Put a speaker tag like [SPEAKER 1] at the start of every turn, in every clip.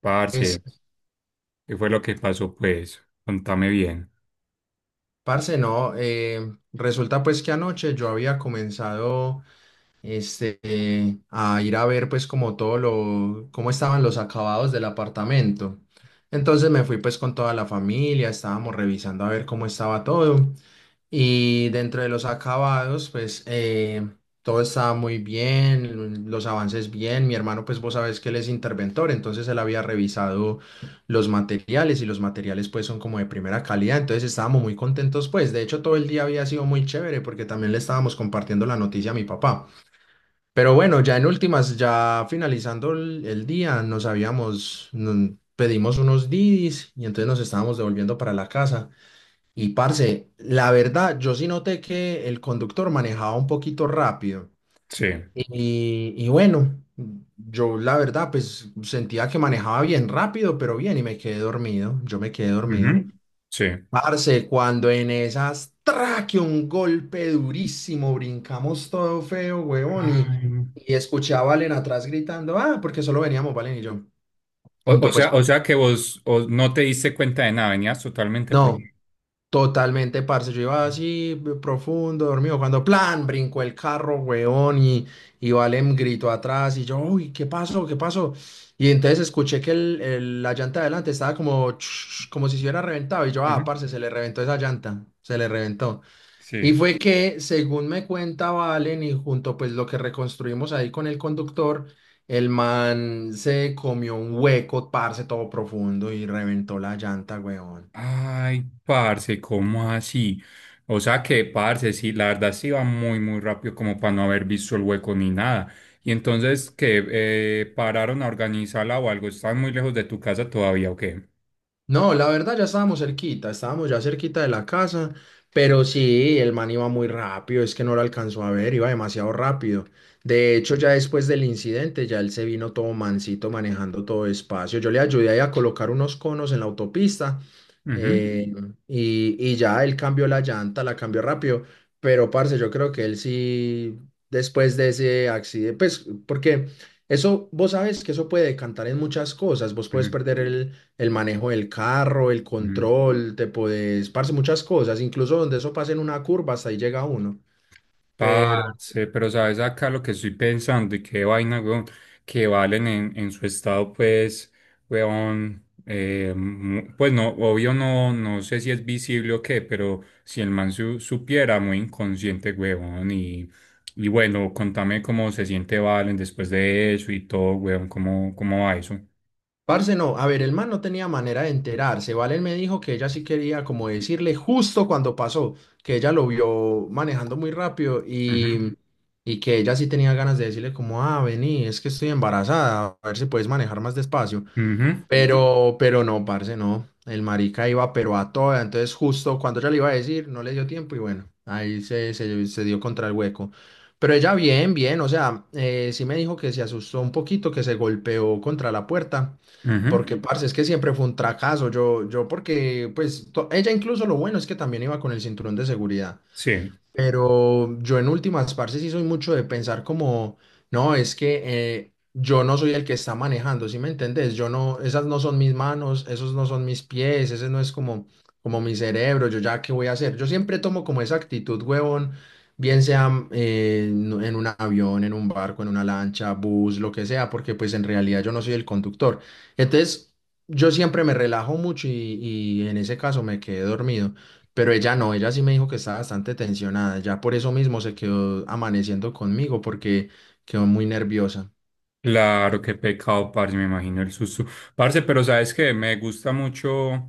[SPEAKER 1] Parce,
[SPEAKER 2] Es,
[SPEAKER 1] ¿qué fue lo que pasó, pues? Contame bien.
[SPEAKER 2] parce, no, resulta pues que anoche yo había comenzado este, a ir a ver pues como todo lo, cómo estaban los acabados del apartamento. Entonces me fui pues con toda la familia, estábamos revisando a ver cómo estaba todo y dentro de los acabados pues todo estaba muy bien, los avances bien, mi hermano pues vos sabés que él es interventor, entonces él había revisado los materiales y los materiales pues son como de primera calidad, entonces estábamos muy contentos pues, de hecho todo el día había sido muy chévere porque también le estábamos compartiendo la noticia a mi papá. Pero bueno, ya en últimas, ya finalizando el día, nos pedimos unos Didis y entonces nos estábamos devolviendo para la casa. Y parce, la verdad, yo sí noté que el conductor manejaba un poquito rápido.
[SPEAKER 1] Sí.
[SPEAKER 2] Y bueno, yo la verdad, pues sentía que manejaba bien rápido, pero bien, y me quedé dormido. Yo me quedé dormido.
[SPEAKER 1] Ujú. Sí.
[SPEAKER 2] Parce, cuando en esas, traque un golpe durísimo, brincamos todo feo, huevón,
[SPEAKER 1] Ay, no.
[SPEAKER 2] y escuché a Valen atrás gritando, ah, porque solo veníamos Valen y yo,
[SPEAKER 1] O, o
[SPEAKER 2] junto pues,
[SPEAKER 1] sea, o sea que no te diste cuenta de nada, venías totalmente pro.
[SPEAKER 2] no, totalmente, parce, yo iba así, profundo, dormido, cuando, plan, brincó el carro, huevón, y Valen gritó atrás, y yo, uy, ¿qué pasó? ¿Qué pasó? Y entonces escuché que la llanta de adelante estaba como, como si se hubiera reventado, y yo, ah,
[SPEAKER 1] Ujú.
[SPEAKER 2] parce, se le reventó esa llanta, se le reventó. Y
[SPEAKER 1] Sí.
[SPEAKER 2] fue que, según me cuenta Valen, y junto pues lo que reconstruimos ahí con el conductor, el man se comió un hueco, parce, todo profundo y reventó la llanta, weón.
[SPEAKER 1] Ay, parce, ¿cómo así? O sea que, parce, sí, la verdad sí iba muy, muy rápido como para no haber visto el hueco ni nada. Y entonces, que ¿pararon a organizarla o algo? ¿Están muy lejos de tu casa todavía o qué?
[SPEAKER 2] No, la verdad ya estábamos cerquita, estábamos ya cerquita de la casa, pero sí, el man iba muy rápido, es que no lo alcanzó a ver, iba demasiado rápido. De hecho, ya después del incidente, ya él se vino todo mansito manejando todo despacio. Yo le ayudé ahí a colocar unos conos en la autopista
[SPEAKER 1] Ujú.
[SPEAKER 2] eh, y ya él cambió la llanta, la cambió rápido, pero parce, yo creo que él sí, después de ese accidente, pues porque... Eso, vos sabes que eso puede decantar en muchas cosas. Vos puedes
[SPEAKER 1] Ujú.
[SPEAKER 2] perder el manejo del carro, el
[SPEAKER 1] Ujú.
[SPEAKER 2] control, te podés, parce, muchas cosas, incluso donde eso pasa en una curva, hasta ahí llega uno. Pero,
[SPEAKER 1] Parce, pero sabes acá lo que estoy pensando y qué vaina, weón, que valen en su estado, pues, weón, pues no, obvio no, no sé si es visible o qué, pero si supiera, muy inconsciente, weón, y bueno, contame cómo se siente Valen después de eso y todo, weón, cómo, cómo va eso.
[SPEAKER 2] parce, no, a ver, el man no tenía manera de enterarse. Valen me dijo que ella sí quería como decirle justo cuando pasó, que ella lo vio manejando muy rápido
[SPEAKER 1] Ujú,
[SPEAKER 2] y que ella sí tenía ganas de decirle como, ah, vení, es que estoy embarazada, a ver si puedes manejar más despacio.
[SPEAKER 1] ujú,
[SPEAKER 2] Pero no, parce, no. El marica iba, pero a toda. Entonces, justo cuando ella le iba a decir, no le dio tiempo y bueno, ahí se dio contra el hueco. Pero ella bien, bien, o sea, sí me dijo que se asustó un poquito, que se golpeó contra la puerta, porque,
[SPEAKER 1] ujú,
[SPEAKER 2] Ujú. Parce, es que siempre fue un fracaso. Yo porque, pues, ella incluso lo bueno es que también iba con el cinturón de seguridad.
[SPEAKER 1] sí.
[SPEAKER 2] Pero yo en últimas, parce, sí soy mucho de pensar como, no, es que yo no soy el que está manejando, ¿sí me entendés? Yo no, esas no son mis manos, esos no son mis pies, ese no es como, como mi cerebro, yo ya qué voy a hacer. Yo siempre tomo como esa actitud, huevón, bien sea en un avión, en un barco, en una lancha, bus, lo que sea, porque pues en realidad yo no soy el conductor. Entonces, yo siempre me relajo mucho y en ese caso me quedé dormido. Pero ella no, ella sí me dijo que estaba bastante tensionada. Ya por eso mismo se quedó amaneciendo conmigo porque quedó muy nerviosa.
[SPEAKER 1] Claro, qué pecado, parce, me imagino el susto. Parce, pero sabes que me gusta mucho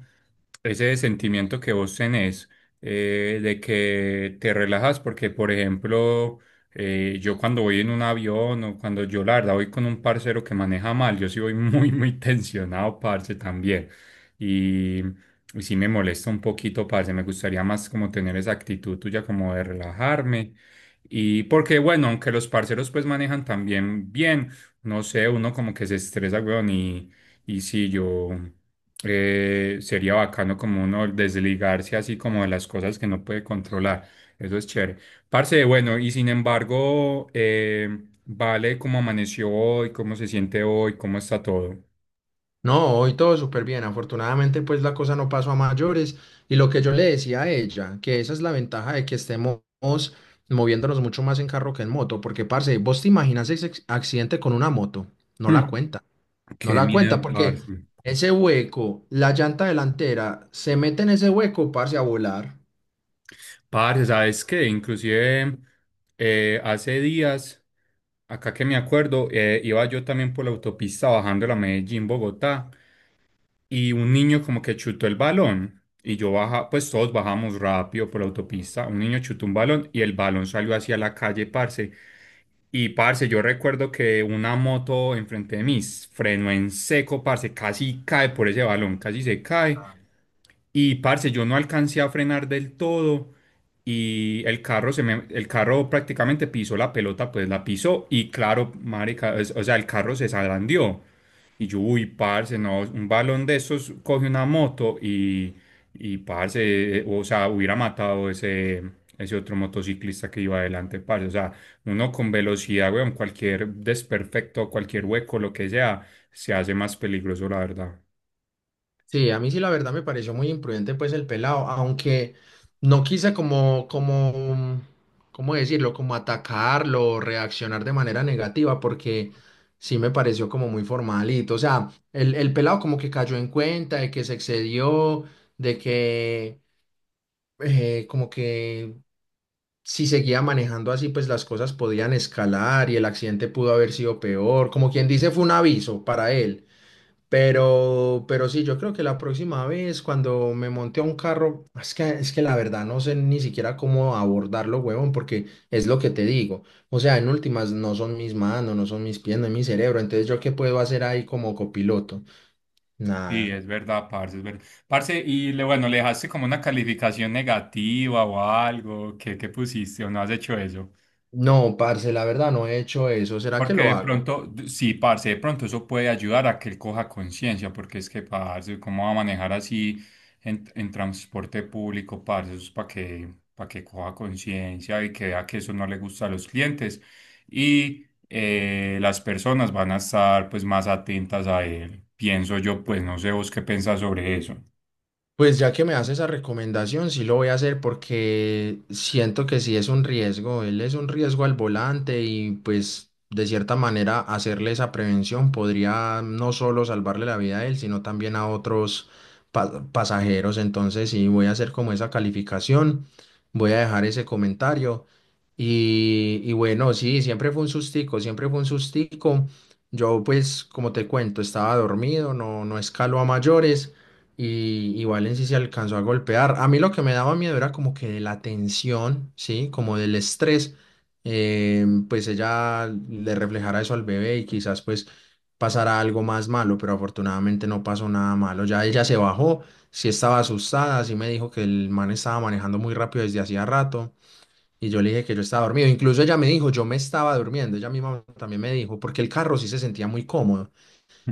[SPEAKER 1] ese sentimiento que vos tenés, de que te relajas, porque, por ejemplo, yo cuando voy en un avión o cuando yo, la verdad, voy con un parcero que maneja mal, yo sí voy muy, muy tensionado, parce, también. Y, y sí me molesta un poquito, parce, me gustaría más como tener esa actitud tuya como de relajarme. Y porque, bueno, aunque los parceros pues manejan también bien. No sé, uno como que se estresa, weón, y sí, yo, sería bacano como uno desligarse así como de las cosas que no puede controlar. Eso es chévere. Parce, bueno, y sin embargo, vale cómo amaneció hoy, cómo se siente hoy, cómo está todo.
[SPEAKER 2] No, hoy todo súper bien. Afortunadamente, pues la cosa no pasó a mayores. Y lo que yo le decía a ella, que esa es la ventaja de que estemos moviéndonos mucho más en carro que en moto. Porque, parce, vos te imaginas ese accidente con una moto. No la
[SPEAKER 1] Mm,
[SPEAKER 2] cuenta. No
[SPEAKER 1] qué
[SPEAKER 2] la cuenta
[SPEAKER 1] miedo,
[SPEAKER 2] porque
[SPEAKER 1] parce.
[SPEAKER 2] ese hueco, la llanta delantera, se mete en ese hueco, parce, a volar.
[SPEAKER 1] Parce, ¿sabes qué? Inclusive, hace días, acá que me acuerdo, iba yo también por la autopista bajando la Medellín-Bogotá. Y un niño como que chutó el balón y yo baja, pues todos bajamos rápido por la autopista, un niño chutó un balón y el balón salió hacia la calle, parce. Y parce, yo recuerdo que una moto enfrente de mí frenó en seco, parce, casi cae por ese balón, casi se cae. Y parce, yo no alcancé a frenar del todo y el carro se me, el carro prácticamente pisó la pelota, pues la pisó y claro, marica, o sea, el carro se zarandeó. Y yo, uy, parce, no, un balón de esos coge una moto y parce, o sea, hubiera matado ese, ese otro motociclista que iba adelante, parce. O sea, uno con velocidad, weón, cualquier desperfecto, cualquier hueco, lo que sea, se hace más peligroso, la verdad.
[SPEAKER 2] Sí, a mí sí la verdad me pareció muy imprudente pues el pelado, aunque no quise ¿cómo decirlo? Como atacarlo, o reaccionar de manera negativa, porque sí me pareció como muy formalito. O sea, el pelado como que cayó en cuenta de que se excedió, de que como que si seguía manejando así, pues las cosas podían escalar y el accidente pudo haber sido peor. Como quien dice, fue un aviso para él. Pero sí, yo creo que la próxima vez cuando me monte a un carro, es que la verdad no sé ni siquiera cómo abordarlo, huevón, porque es lo que te digo. O sea, en últimas no son mis manos, no son mis pies, no es mi cerebro. Entonces, ¿yo qué puedo hacer ahí como copiloto?
[SPEAKER 1] Sí,
[SPEAKER 2] Nada.
[SPEAKER 1] es verdad. Parce, y le, bueno, ¿le dejaste como una calificación negativa o algo? ¿Qué, qué pusiste o no has hecho eso?
[SPEAKER 2] No, parce, la verdad no he hecho eso. ¿Será que
[SPEAKER 1] Porque
[SPEAKER 2] lo
[SPEAKER 1] de
[SPEAKER 2] hago?
[SPEAKER 1] pronto, sí, parce, de pronto eso puede ayudar a que él coja conciencia, porque es que, parce, ¿cómo va a manejar así en transporte público, parce? Eso es para que coja conciencia y que vea que eso no le gusta a los clientes. Y las personas van a estar, pues, más atentas a él. Pienso yo, pues, no sé vos qué pensás sobre eso.
[SPEAKER 2] Pues ya que me hace esa recomendación, sí lo voy a hacer porque siento que sí es un riesgo. Él es un riesgo al volante y pues de cierta manera hacerle esa prevención podría no solo salvarle la vida a él, sino también a otros pasajeros. Entonces sí voy a hacer como esa calificación, voy a dejar ese comentario y bueno, sí, siempre fue un sustico, siempre fue un sustico. Yo pues como te cuento, estaba dormido, no, no escaló a mayores. Y Valencia se alcanzó a golpear. A mí lo que me daba miedo era como que de la tensión, ¿sí? Como del estrés, pues ella le reflejara eso al bebé y quizás pues pasara algo más malo, pero afortunadamente no pasó nada malo. Ya ella se bajó, sí estaba asustada, sí me dijo que el man estaba manejando muy rápido desde hacía rato y yo le dije que yo estaba dormido. Incluso ella me dijo, yo me estaba durmiendo, ella misma también me dijo, porque el carro sí se sentía muy cómodo.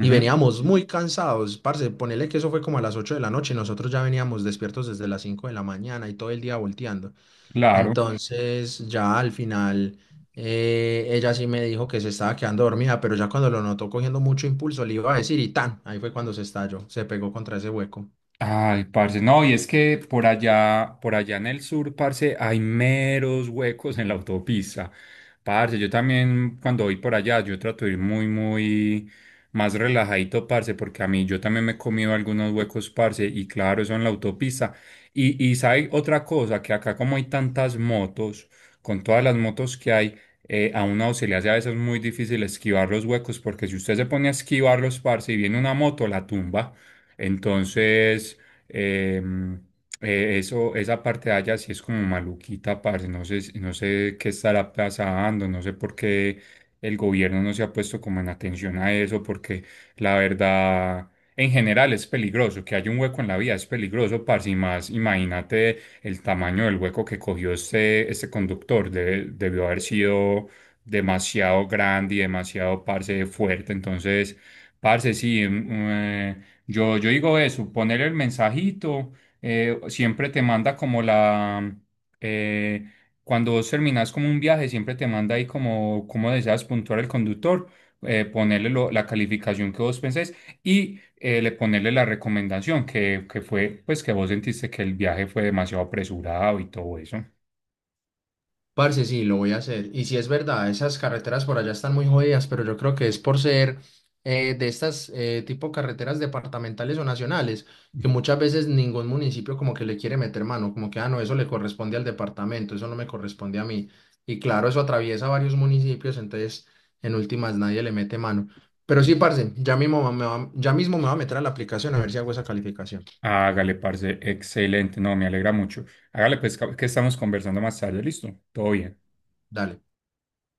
[SPEAKER 2] Y veníamos muy cansados, parce, ponele que eso fue como a las 8 de la noche y nosotros ya veníamos despiertos desde las 5 de la mañana y todo el día volteando.
[SPEAKER 1] claro.
[SPEAKER 2] Entonces, ya al final, ella sí me dijo que se estaba quedando dormida, pero ya cuando lo notó cogiendo mucho impulso, le iba a decir y tan, ahí fue cuando se estalló, se pegó contra ese hueco.
[SPEAKER 1] Ay, parce, no, y es que por allá en el sur, parce, hay meros huecos en la autopista. Parce, yo también cuando voy por allá, yo trato de ir muy, muy más relajadito, parce, porque a mí yo también me he comido algunos huecos, parce, y claro, eso en la autopista. Y sabe otra cosa, que acá como hay tantas motos, con todas las motos que hay, a uno se le hace a veces muy difícil esquivar los huecos, porque si usted se pone a esquivarlos, parce, y viene una moto, la tumba. Entonces, em, eso, esa parte de allá sí es como maluquita, parce. No sé, no sé qué estará pasando, no sé por qué el gobierno no se ha puesto como en atención a eso, porque la verdad, en general es peligroso, que haya un hueco en la vía es peligroso, parce, y más, imagínate el tamaño del hueco que cogió este, este conductor, debió haber sido demasiado grande y demasiado, parce, fuerte, entonces... Parce, sí, mm, yo, yo digo eso, poner el mensajito, siempre te manda como la, eh, cuando vos terminás como un viaje, siempre te manda ahí como, como deseas puntuar el conductor, ponerle la calificación que vos pensés y le ponerle la recomendación que fue, pues que vos sentiste que el viaje fue demasiado apresurado y todo eso.
[SPEAKER 2] Parce, sí, lo voy a hacer. Y sí es verdad, esas carreteras por allá están muy jodidas, pero yo creo que es por ser de estas tipo carreteras departamentales o nacionales, que muchas veces ningún municipio como que le quiere meter mano, como que, ah, no, eso le corresponde al departamento, eso no me corresponde a mí. Y claro, eso atraviesa varios municipios, entonces en últimas nadie le mete mano. Pero sí, parce, ya mismo me va a meter a la aplicación a ver si hago esa calificación.
[SPEAKER 1] Hágale, parce, excelente, no, me alegra mucho. Hágale, pues que estamos conversando más tarde, listo, todo bien.
[SPEAKER 2] Dale.